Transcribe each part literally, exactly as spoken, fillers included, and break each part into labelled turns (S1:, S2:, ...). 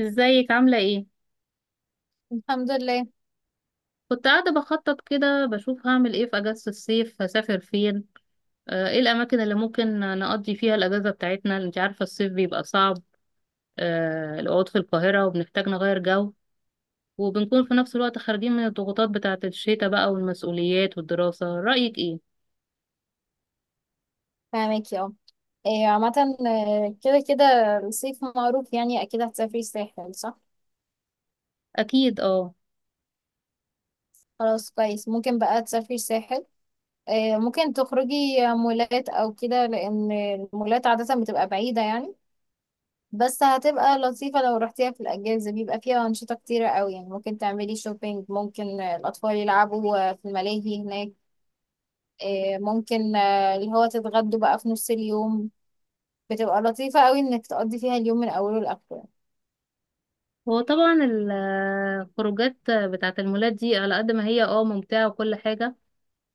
S1: ازيك عاملة ايه؟
S2: الحمد لله.
S1: كنت قاعدة بخطط كده بشوف هعمل ايه في اجازة الصيف هسافر فين. آه، ايه الاماكن اللي ممكن نقضي فيها الاجازة بتاعتنا، انت عارفة الصيف بيبقى صعب. آه، القعود في القاهرة وبنحتاج نغير جو، وبنكون في نفس الوقت خارجين من الضغوطات بتاعة الشتاء بقى والمسؤوليات والدراسة، رأيك ايه؟
S2: فاهمك اه. إيه عامة. آه، كده كده. الصيف معروف يعني أكيد هتسافري الساحل صح؟
S1: اكيد اه.
S2: خلاص كويس، ممكن بقى تسافري الساحل. آه، ممكن تخرجي مولات أو كده، لأن المولات عادة بتبقى بعيدة يعني. بس هتبقى لطيفة لو رحتيها في الأجازة، بيبقى فيها أنشطة كتيرة أوي يعني، ممكن تعملي شوبينج، ممكن آه، الأطفال يلعبوا آه، في الملاهي هناك. آه، ممكن آه، اللي هو تتغدوا بقى في نص اليوم. بتبقى لطيفة أوي إنك تقضي فيها اليوم من أوله لآخره يعني.
S1: هو طبعا الخروجات بتاعة المولات دي على قد ما هي اه ممتعة وكل حاجة،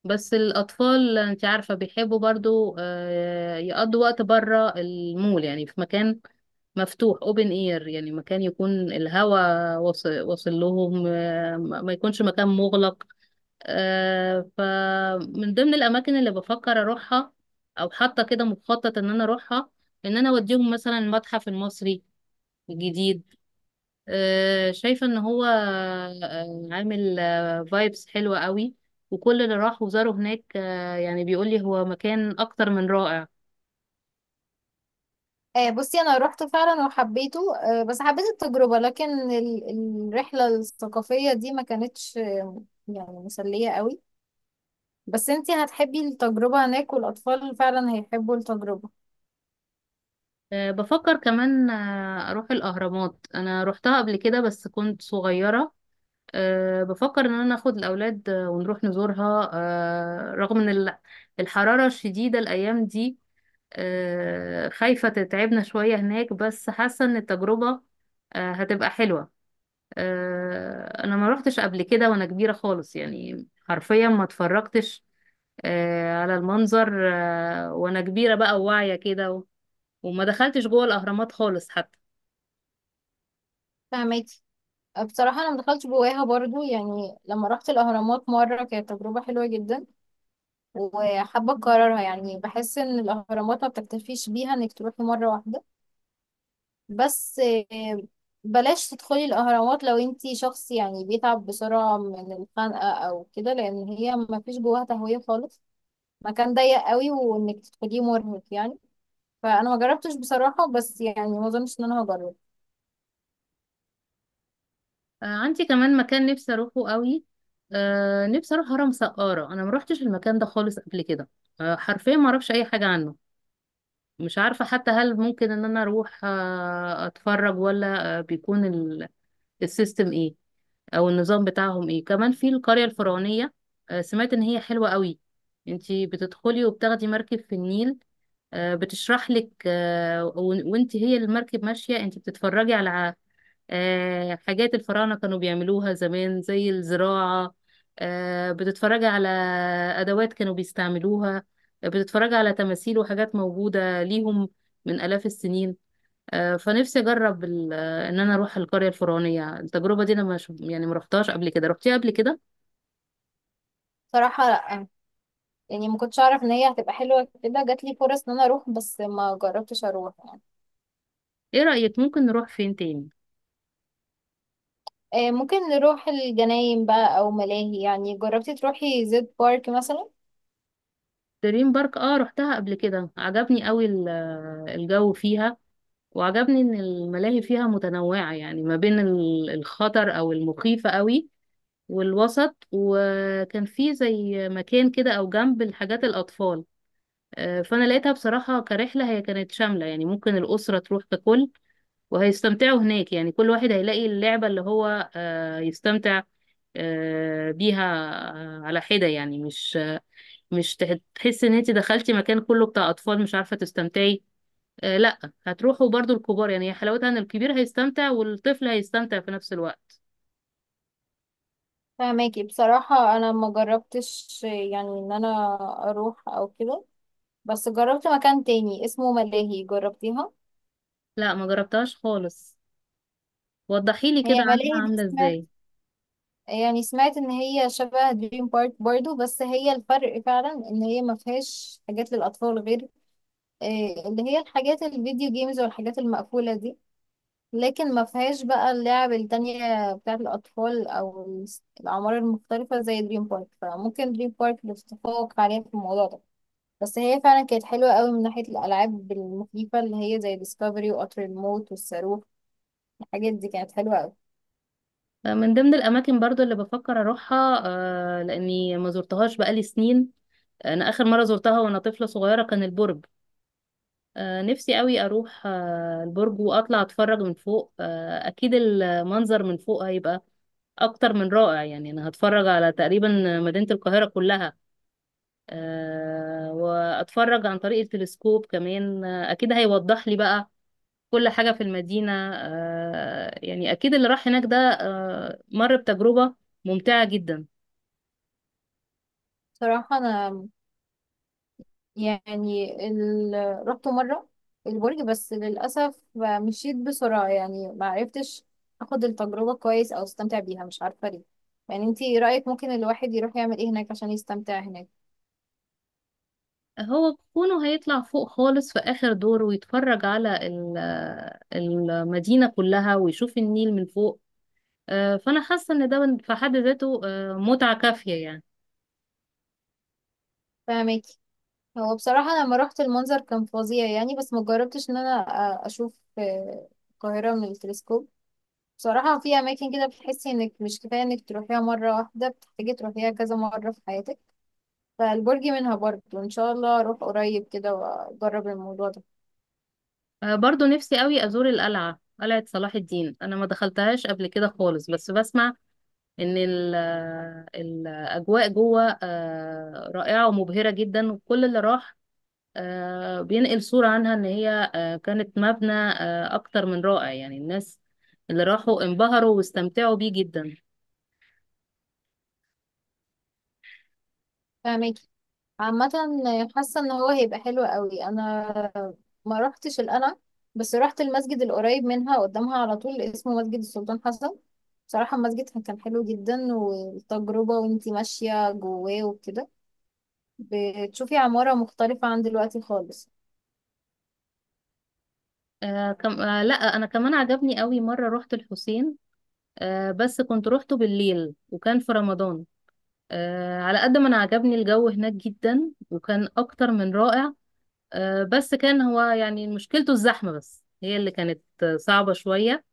S1: بس الأطفال أنت عارفة بيحبوا برضو آه، يقضوا وقت بره المول، يعني في مكان مفتوح اوبن اير، يعني مكان يكون الهواء واصل واصل لهم، آه، ما ما يكونش مكان مغلق. آه، فمن ضمن الأماكن اللي بفكر أروحها أو حاطة كده مخطط إن أنا أروحها، إن أنا أوديهم مثلا المتحف المصري الجديد. آه، شايفة ان هو آه، عامل فايبس حلوة قوي، وكل اللي راح وزاره هناك آه، يعني بيقول لي هو مكان اكتر من رائع.
S2: آه، بصي، انا روحت فعلا وحبيته، آه، بس حبيت التجربة. لكن ال- الرحلة الثقافية دي ما كانتش آه، يعني مسلية قوي. بس انتي هتحبي التجربة هناك، والاطفال فعلا هيحبوا التجربة.
S1: آه، بفكر كمان آه، اروح الاهرامات، انا روحتها قبل كده بس كنت صغيرة. آه، بفكر ان انا اخد الاولاد آه، ونروح نزورها، آه، رغم ان ال- الحرارة الشديدة الايام دي آه، خايفة تتعبنا شوية هناك، بس حاسة ان التجربة آه، هتبقى حلوة. آه، انا ما روحتش قبل كده وانا كبيرة خالص، يعني حرفيا ما اتفرجتش آه، على المنظر آه، وانا كبيرة بقى وواعية كده و- وما دخلتش جوه الاهرامات خالص حتى.
S2: فهماكي. آه، بصراحة انا مدخلتش جواها برضو يعني. لما رحت الاهرامات مرة كانت تجربة حلوة جدا، وحابة اكررها يعني. بحس ان الاهرامات ما بتكتفيش بيها انك تروحي مرة واحدة. بس آه، بلاش تدخلي الاهرامات لو انتي شخص يعني بيتعب بسرعة من الخنقة او كده، لان هي ما فيش جواها تهوية خالص. مكان ضيق قوي، وانك تدخليه مرهق يعني. فانا ما جربتش بصراحة، بس يعني ما اظنش ان انا هجرب.
S1: آه، عندي كمان مكان نفسي اروحه قوي. آه، نفسي اروح هرم سقارة، انا ما روحتش المكان ده خالص قبل كده. آه، حرفيا ما اعرفش اي حاجة عنه، مش عارفة حتى هل ممكن ان انا اروح آه، اتفرج ولا آه، بيكون ال- السيستم ايه او النظام بتاعهم ايه. كمان في القرية الفرعونية، آه، سمعت ان هي حلوة قوي، انتي بتدخلي وبتاخدي مركب في النيل، آه، بتشرح لك، آه، ون- وانتي هي المركب ماشية انتي بتتفرجي على آه، حاجات الفراعنة كانوا بيعملوها زمان زي الزراعة، آه، بتتفرجي على أدوات كانوا بيستعملوها، آه، بتتفرجي على تماثيل وحاجات موجودة ليهم من آلاف السنين. آه، فنفسي اجرب ال- آه، ان انا اروح القرية الفرعونية، التجربة دي انا مش يعني ما رحتهاش قبل كده، رحتيها قبل كده؟
S2: صراحة لا. يعني ما كنتش اعرف ان هي هتبقى حلوة كده. جات لي فرص ان انا اروح بس ما جربتش اروح يعني.
S1: ايه رأيك ممكن نروح فين تاني؟
S2: آه، ممكن نروح الجناين بقى او ملاهي. يعني جربتي تروحي زد بارك مثلا؟
S1: دريم بارك اه رحتها قبل كده، عجبني قوي ال- آه، الجو فيها، وعجبني ان الملاهي فيها متنوعة يعني ما بين ال- الخطر او المخيفة قوي والوسط، وكان في زي مكان كده او جنب الحاجات الاطفال. آه، فانا لقيتها بصراحة كرحلة هي كانت شاملة، يعني ممكن الأسرة تروح ككل وهيستمتعوا هناك، يعني كل واحد هيلاقي اللعبة اللي هو آه، يستمتع آه، بيها آه، على حدة، يعني مش مش تح- تحس ان انت دخلتي مكان كله بتاع اطفال مش عارفة تستمتعي. آه، لا، هتروحوا برضو الكبار، يعني هي حلاوتها ان الكبير هيستمتع والطفل هيستمتع في نفس الوقت.
S2: فهماكي. بصراحة أنا ما جربتش، يعني إن أنا أروح أو كده. بس جربت مكان تاني اسمه ملاهي. جربتيها؟
S1: لا، ما جربتهاش خالص، وضحي لي كده
S2: هي ملاهي
S1: عنها
S2: دي
S1: عاملة
S2: سمعت،
S1: ازاي.
S2: يعني سمعت إن هي شبه دريم بارك برضو، بس هي الفرق فعلا إن هي ما فيهاش حاجات للأطفال غير آه، اللي هي الحاجات الفيديو جيمز والحاجات المقفولة دي. لكن ما فيهاش بقى اللعب التانية بتاعة الأطفال أو الأعمار المختلفة زي دريم بارك، فممكن دريم بارك اللي تتفوق عليها في الموضوع ده. بس هي فعلا كانت حلوة قوي من ناحية الألعاب المخيفة، اللي هي زي ديسكفري وقطر الموت والصاروخ. الحاجات دي كانت حلوة قوي.
S1: آه، من ضمن الاماكن برضو اللي بفكر اروحها، آه، لاني ما زرتهاش بقالي سنين، انا اخر مرة زرتها وانا طفلة صغيرة، كان البرج. آه، نفسي قوي اروح آه، البرج واطلع اتفرج من فوق، آه، اكيد المنظر من فوق هيبقى اكتر من رائع، يعني انا هتفرج على تقريبا مدينة القاهرة كلها. آه، واتفرج عن طريق التلسكوب كمان، آه، اكيد هيوضح لي بقى كل حاجة في المدينة، آه، يعني اكيد اللي راح هناك ده آه، مر بتجربة ممتعة جدا.
S2: صراحة أنا يعني ال... رحت مرة البرج، بس للأسف مشيت بسرعة يعني ما عرفتش أخد التجربة كويس أو أستمتع بيها. مش عارفة ليه. يعني انتي رأيك ممكن الواحد يروح يعمل ايه هناك عشان يستمتع هناك؟
S1: هو كونه هيطلع فوق خالص في آخر دور ويتفرج على ال- آه، المدينة كلها ويشوف النيل من فوق، آه، فانا حاسه ان ده في حد ذاته آه، متعه كافيه يعني.
S2: فاهماكي. هو بصراحة لما رحت المنظر كان فظيع يعني، بس مجربتش ان انا أ- اشوف آه، القاهرة من التلسكوب. بصراحة في أماكن كده بتحسي إنك مش كفاية إنك تروحيها مرة واحدة، بتحتاجي تروحيها كذا مرة في حياتك. فالبرج منها برضه، إن شاء الله أروح قريب كده وأجرب الموضوع ده.
S1: آه، برضو نفسي قوي ازور القلعه، قلعه صلاح الدين، انا ما دخلتهاش قبل كده خالص، بس بسمع ان ال- آه، الاجواء جوه آه، رائعه ومبهره جدا، وكل اللي راح آه، بينقل صوره عنها ان هي آه، كانت مبنى آه، اكتر من رائع، يعني الناس اللي راحوا انبهروا واستمتعوا بيه جدا.
S2: في أماكن عامة حاسة إن هو هيبقى حلو قوي. أنا ما روحتش القلعة، بس روحت المسجد القريب منها قدامها على طول، اسمه مسجد السلطان حسن. بصراحة المسجد كان حلو جدا، والتجربة وانتي ماشية جواه وكده بتشوفي عمارة مختلفة عن دلوقتي خالص.
S1: آه، كم... آه، لا انا كمان عجبني قوي مره رحت الحسين، آه بس كنت روحته بالليل وكان في رمضان. آه على قد ما انا عجبني الجو هناك جدا وكان اكتر من رائع، آه بس كان هو يعني مشكلته الزحمة، بس هي اللي كانت آه، صعبة شوية.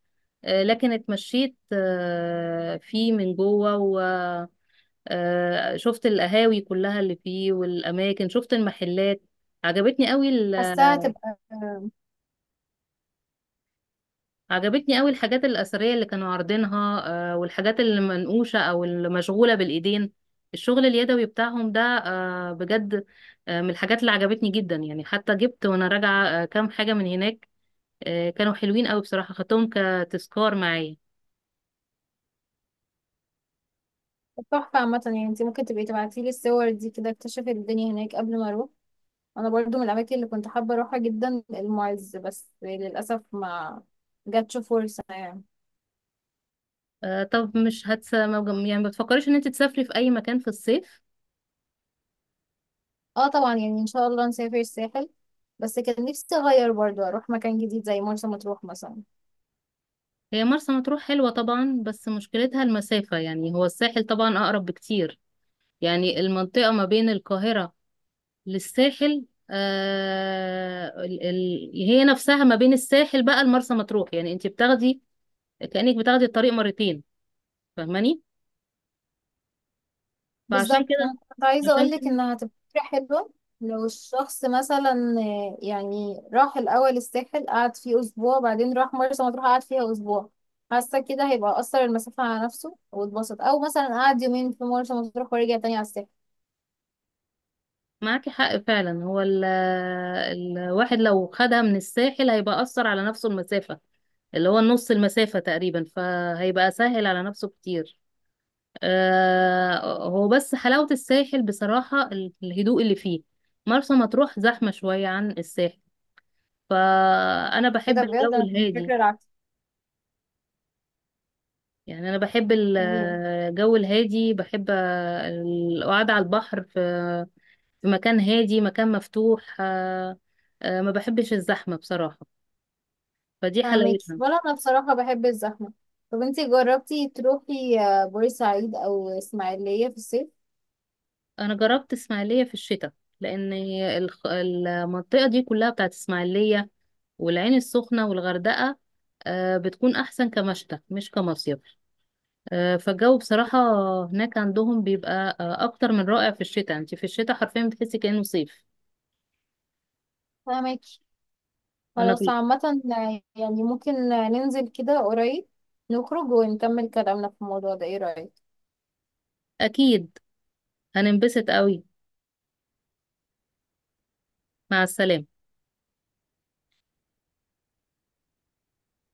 S1: آه لكن اتمشيت آه فيه من جوه و آه شفت القهاوي كلها اللي فيه والاماكن، شفت المحلات عجبتني قوي.
S2: حاساها هتبقى
S1: عجبتني قوي الحاجات الأثرية اللي كانوا عارضينها آه، والحاجات اللي منقوشة أو المشغولة بالإيدين، الشغل اليدوي بتاعهم ده آه، بجد آه، من الحاجات اللي عجبتني جدا، يعني حتى جبت وأنا راجعة آه، كام حاجة من هناك آه، كانوا حلوين قوي بصراحة، خدتهم كتذكار معايا.
S2: تحفة. عامة يعني انت ممكن تبقي تبعتيلي الصور دي كده، اكتشف الدنيا هناك قبل ما اروح. انا برضو من الاماكن اللي كنت حابة اروحها جدا المعز، بس للأسف ما جاتش فرصة يعني.
S1: آه، طب مش هتس ما بج- يعني ما بتفكريش إن أنت تسافري في أي مكان في الصيف؟
S2: اه طبعا، يعني ان شاء الله نسافر الساحل. بس كان نفسي اغير برضو، اروح مكان جديد زي مرسى مطروح مثلا.
S1: هي مرسى مطروح حلوة طبعا، بس مشكلتها المسافة، يعني هو الساحل طبعا أقرب بكتير. يعني المنطقة ما بين القاهرة للساحل، آه ال- ال- هي نفسها ما بين الساحل بقى لمرسى مطروح، يعني انت بتاخدي كأنك بتاخدي الطريق مرتين، فاهماني؟ فعشان
S2: بالظبط،
S1: كده
S2: انا كنت عايزه
S1: عشان
S2: اقول لك
S1: كده
S2: انها هتبقى فكره حلوه. لو الشخص مثلا آه، يعني راح الاول الساحل قعد فيه اسبوع، بعدين راح مرسى مطروح قعد فيها اسبوع، حاسه كده هيبقى اثر المسافه على نفسه واتبسط. او مثلا قعد يومين في مرسى مطروح ورجع تاني على الساحل.
S1: معاكي حق فعلا، هو ال الواحد لو خدها من الساحل هيبقى أثر على نفسه المسافة، اللي هو نص المسافة تقريبا، فهيبقى سهل على نفسه كتير. آه هو بس حلاوة الساحل بصراحة ال- الهدوء اللي فيه، مرسى مطروح زحمة شوية عن الساحل، فأنا
S2: ايه ده
S1: بحب
S2: بجد؟
S1: الجو
S2: انا كنت
S1: الهادي.
S2: فاكره العكس.
S1: يعني أنا بحب ال-
S2: مم.
S1: الجو الهادي، بحب القعدة على البحر في في مكان هادي، مكان مفتوح، آه، آه، ما بحبش الزحمة بصراحة، فدي
S2: فاهمك.
S1: حلاوتها.
S2: ولا انا بصراحه بحب الزحمه. طب انتي جربتي تروحي آه، بورسعيد او اسماعيليه في الصيف؟
S1: أنا جربت إسماعيلية في الشتاء، لأن الخ- المنطقة دي كلها بتاعت إسماعيلية والعين السخنة والغردقة آه، بتكون أحسن كمشتى مش كمصيف. آه، فالجو بصراحة هناك عندهم بيبقى آه، أكتر من رائع في الشتاء، انت في الشتاء حرفيا بتحسي كأنه صيف.
S2: فاهمك.
S1: أنا
S2: خلاص
S1: في...
S2: عامة، يعني ممكن ننزل كده قريب نخرج ونكمل كلامنا في الموضوع ده. ايه رأيك؟
S1: أكيد، هننبسط قوي. مع السلامة.